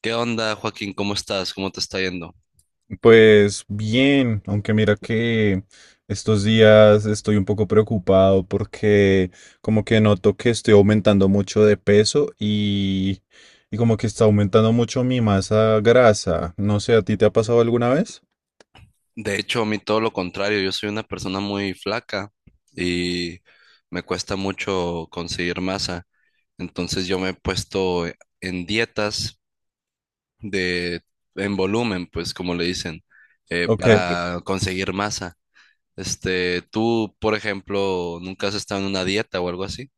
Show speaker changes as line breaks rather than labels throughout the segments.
¿Qué onda, Joaquín? ¿Cómo estás? ¿Cómo te está yendo?
Pues bien, aunque mira que estos días estoy un poco preocupado porque como que noto que estoy aumentando mucho de peso y como que está aumentando mucho mi masa grasa. No sé, ¿a ti te ha pasado alguna vez?
De hecho, a mí todo lo contrario, yo soy una persona muy flaca y me cuesta mucho conseguir masa. Entonces yo me he puesto en dietas de en volumen, pues como le dicen,
Ok,
para conseguir masa. Tú, por ejemplo, ¿nunca has estado en una dieta o algo así?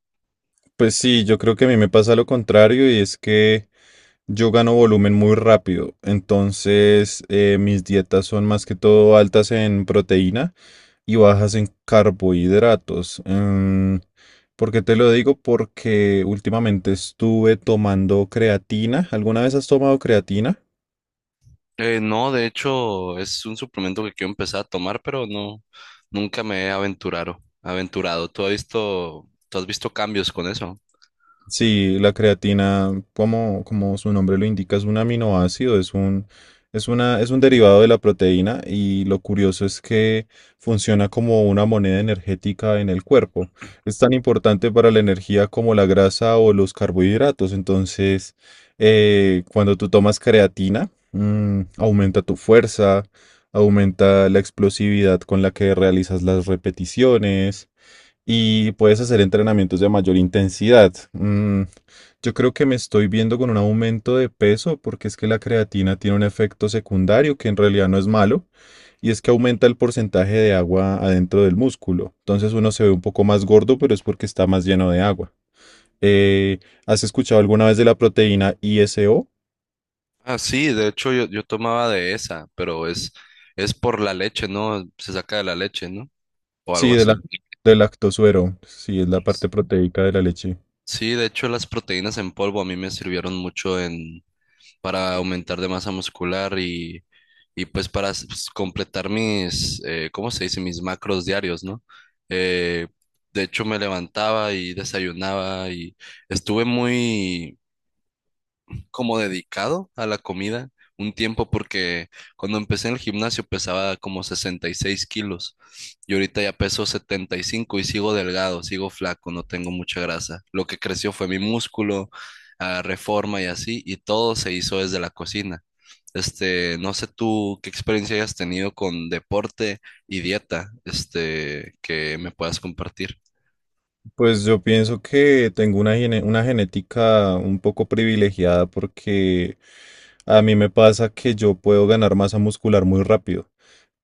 pues sí, yo creo que a mí me pasa lo contrario y es que yo gano volumen muy rápido, entonces mis dietas son más que todo altas en proteína y bajas en carbohidratos. ¿Por qué te lo digo? Porque últimamente estuve tomando creatina. ¿Alguna vez has tomado creatina?
No, de hecho, es un suplemento que quiero empezar a tomar, pero no, nunca me he aventurado. Tú has visto cambios con eso?
Sí, la creatina, como su nombre lo indica, es un aminoácido, es un derivado de la proteína y lo curioso es que funciona como una moneda energética en el cuerpo. Es tan importante para la energía como la grasa o los carbohidratos. Entonces, cuando tú tomas creatina, aumenta tu fuerza, aumenta la explosividad con la que realizas las repeticiones y puedes hacer entrenamientos de mayor intensidad. Yo creo que me estoy viendo con un aumento de peso porque es que la creatina tiene un efecto secundario que en realidad no es malo y es que aumenta el porcentaje de agua adentro del músculo. Entonces uno se ve un poco más gordo, pero es porque está más lleno de agua. Eh, ¿has escuchado alguna vez de la proteína ISO?
Ah, sí, de hecho yo tomaba de esa, pero es por la leche, ¿no? Se saca de la leche, ¿no? O
Sí,
algo así.
del lactosuero. Sí, es la parte proteica de la leche.
Sí, de hecho las proteínas en polvo a mí me sirvieron mucho en, para aumentar de masa muscular y pues para completar mis, ¿cómo se dice? Mis macros diarios, ¿no? Eh, de hecho, me levantaba y desayunaba y estuve muy como dedicado a la comida un tiempo porque cuando empecé en el gimnasio pesaba como 66 kilos y ahorita ya peso 75 y cinco y sigo delgado, sigo flaco, no tengo mucha grasa. Lo que creció fue mi músculo, ah, reforma y así, y todo se hizo desde la cocina. No sé tú qué experiencia hayas tenido con deporte y dieta, que me puedas compartir.
Pues yo pienso que tengo una genética un poco privilegiada porque a mí me pasa que yo puedo ganar masa muscular muy rápido.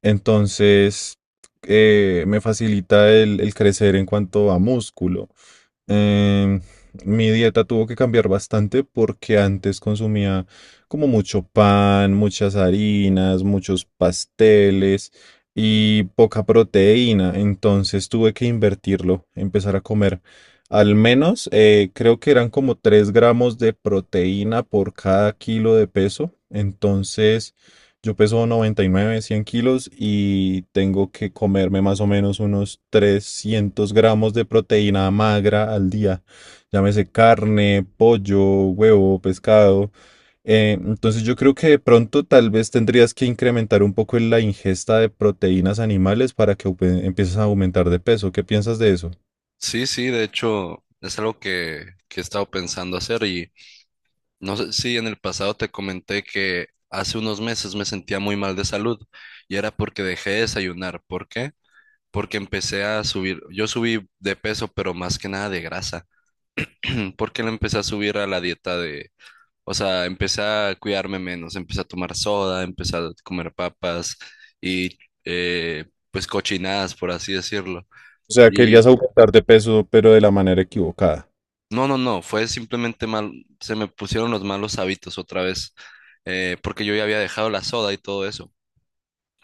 Entonces, me facilita el crecer en cuanto a músculo. Em, mi dieta tuvo que cambiar bastante porque antes consumía como mucho pan, muchas harinas, muchos pasteles y poca proteína. Entonces tuve que invertirlo, empezar a comer al menos, creo que eran como 3 gramos de proteína por cada kilo de peso. Entonces... Yo peso 99, 100 kilos y tengo que comerme más o menos unos 300 gramos de proteína magra al día. Llámese carne, pollo, huevo, pescado. Entonces yo creo que de pronto tal vez tendrías que incrementar un poco en la ingesta de proteínas animales para que empieces a aumentar de peso. ¿Qué piensas de eso?
Sí, sí, de hecho es algo que he estado pensando hacer. Y no sé si en el pasado te comenté que hace unos meses me sentía muy mal de salud y era porque dejé de desayunar. ¿Por qué? Porque empecé a subir, yo subí de peso, pero más que nada de grasa. Mm, porque le empecé a subir a la dieta de, o sea, empecé a cuidarme menos, empecé a tomar soda, empecé a comer papas y eh, pues cochinadas, por así decirlo.
O sea, querías
Y
aumentar de peso, pero de la manera equivocada.
no, fue simplemente mal, se me pusieron los malos hábitos otra vez, porque yo ya había dejado la soda y todo eso.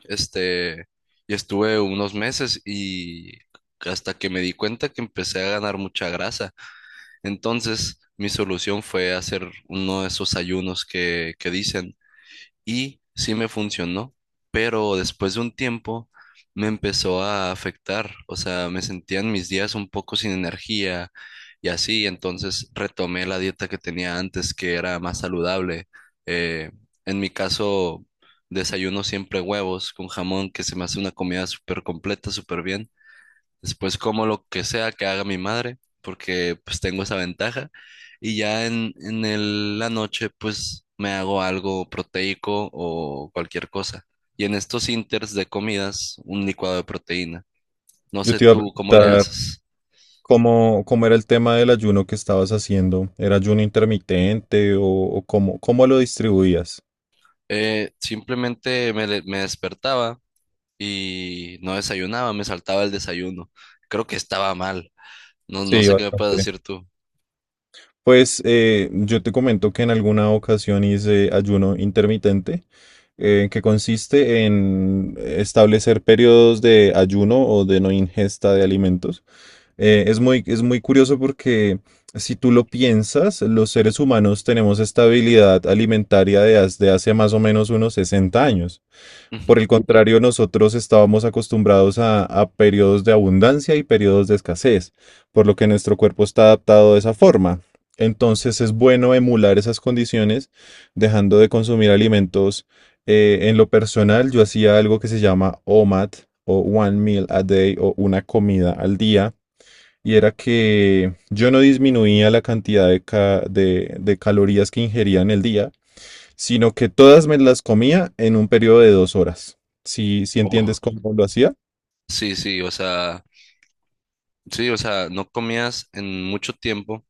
Este, y estuve unos meses y hasta que me di cuenta que empecé a ganar mucha grasa. Entonces, mi solución fue hacer uno de esos ayunos que dicen, y sí me funcionó, pero después de un tiempo me empezó a afectar, o sea, me sentían mis días un poco sin energía y así, entonces retomé la dieta que tenía antes, que era más saludable. Eh, en mi caso, desayuno siempre huevos con jamón, que se me hace una comida súper completa, súper bien. Después como lo que sea que haga mi madre, porque pues tengo esa ventaja. Y ya en, la noche pues me hago algo proteico o cualquier cosa. Y en estos inters de comidas, un licuado de proteína. No
Yo
sé
te iba a
tú cómo le
preguntar
haces.
cómo era el tema del ayuno que estabas haciendo. ¿Era ayuno intermitente o cómo lo distribuías?
Simplemente me despertaba y no desayunaba, me saltaba el desayuno. Creo que estaba mal. No, no
Sí,
sé qué me puedes
bastante.
decir tú.
Pues yo te comento que en alguna ocasión hice ayuno intermitente, que consiste en establecer periodos de ayuno o de no ingesta de alimentos. Es muy curioso porque si tú lo piensas, los seres humanos tenemos esta habilidad alimentaria de hace más o menos unos 60 años.
Ujú.
Por el contrario, nosotros estábamos acostumbrados a periodos de abundancia y periodos de escasez, por lo que nuestro cuerpo está adaptado de esa forma. Entonces es bueno emular esas condiciones dejando de consumir alimentos. En lo personal, yo hacía algo que se llama OMAD o One Meal a Day o una comida al día. Y era que yo no disminuía la cantidad de calorías que ingería en el día, sino que todas me las comía en un periodo de 2 horas. Si
Oh.
entiendes cómo lo hacía.
Sí, sí, o sea, sí, o sea, no comías en mucho tiempo.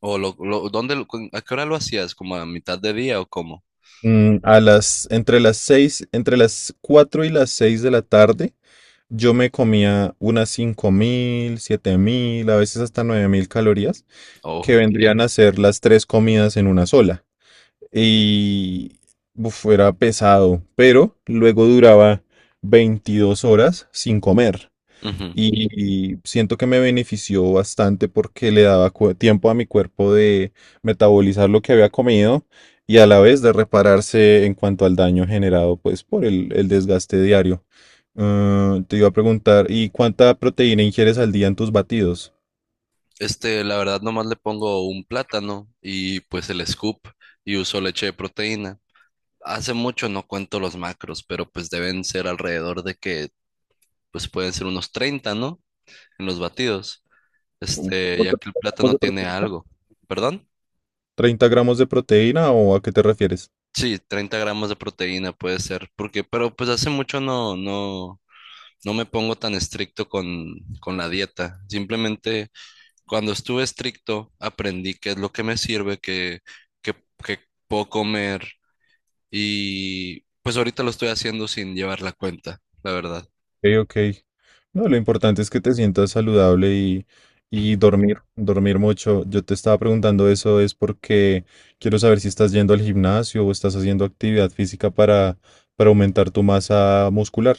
A qué hora lo hacías? ¿Como a mitad de día o cómo?
Mm, a las, entre las seis, entre las cuatro y las seis de la tarde, yo me comía unas 5000, 7000, a veces hasta 9000 calorías, que
Oh.
vendrían a ser las tres comidas en una sola. Y uf, era pesado, pero luego duraba 22 horas sin comer.
Ujú.
Y siento que me benefició bastante porque le daba tiempo a mi cuerpo de metabolizar lo que había comido y a la vez de repararse en cuanto al daño generado pues por el desgaste diario. Ah, te iba a preguntar, ¿y cuánta proteína ingieres al día en tus batidos?
La verdad, nomás le pongo un plátano y pues el scoop, y uso leche de proteína. Hace mucho no cuento los macros, pero pues deben ser alrededor de pues pueden ser unos 30, ¿no? En los batidos.
¿Como
Ya que el
30 gramos
plátano
de
tiene
proteína?
algo. ¿Perdón?
¿30 gramos de proteína o a qué te refieres?
Sí, 30 gramos de proteína puede ser, porque, pero pues hace mucho no. No me pongo tan estricto con la dieta. Simplemente cuando estuve estricto aprendí qué es lo que me sirve, qué, qué puedo comer, y pues ahorita lo estoy haciendo sin llevar la cuenta, la verdad.
Ok. Ok. No, lo importante es que te sientas saludable y dormir, dormir mucho. Yo te estaba preguntando eso es porque quiero saber si estás yendo al gimnasio o estás haciendo actividad física para aumentar tu masa muscular.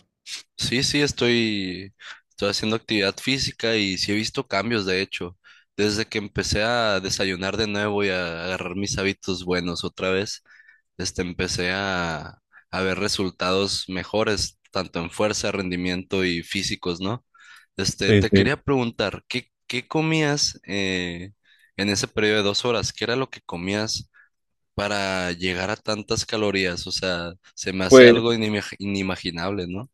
Sí, sí, estoy haciendo actividad física y sí he visto cambios, de hecho. Desde que empecé a desayunar de nuevo y a agarrar mis hábitos buenos otra vez, empecé a ver resultados mejores, tanto en fuerza, rendimiento y físicos, ¿no?
Sí,
Te
sí.
quería preguntar, qué comías, en ese periodo de 2 horas? ¿Qué era lo que comías para llegar a tantas calorías? O sea, se me hace
Pues
algo inimaginable, ¿no?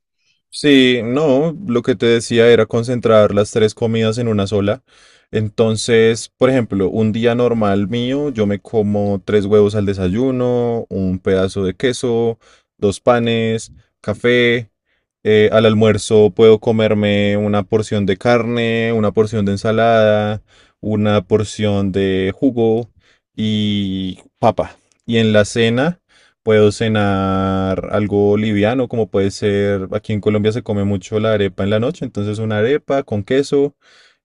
sí, no, lo que te decía era concentrar las tres comidas en una sola. Entonces, por ejemplo, un día normal mío, yo me como tres huevos al desayuno, un pedazo de queso, dos panes, café. Al almuerzo puedo comerme una porción de carne, una porción de ensalada, una porción de jugo y papa. Y en la cena... Puedo cenar algo liviano, como puede ser, aquí en Colombia se come mucho la arepa en la noche, entonces una arepa con queso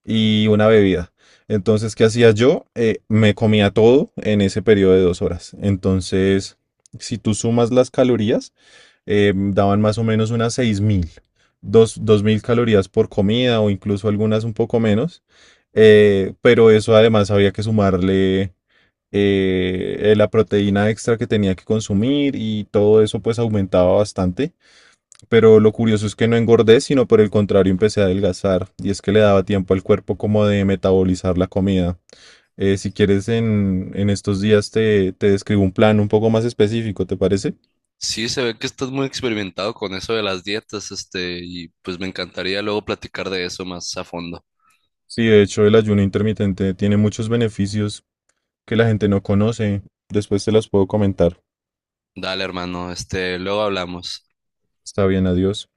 y una bebida. Entonces, ¿qué hacía yo? Me comía todo en ese periodo de 2 horas. Entonces, si tú sumas las calorías, daban más o menos unas 6.000, dos, mil calorías por comida o incluso algunas un poco menos. Pero eso además había que sumarle la proteína extra que tenía que consumir y todo eso pues aumentaba bastante. Pero lo curioso es que no engordé, sino por el contrario empecé a adelgazar y es que le daba tiempo al cuerpo como de metabolizar la comida. Si quieres en estos días te describo un plan un poco más específico, ¿te parece?
Sí, se ve que estás muy experimentado con eso de las dietas, y pues me encantaría luego platicar de eso más a fondo.
Sí, de hecho el ayuno intermitente tiene muchos beneficios que la gente no conoce. Después te los puedo comentar.
Dale, hermano, luego hablamos.
Está bien, adiós.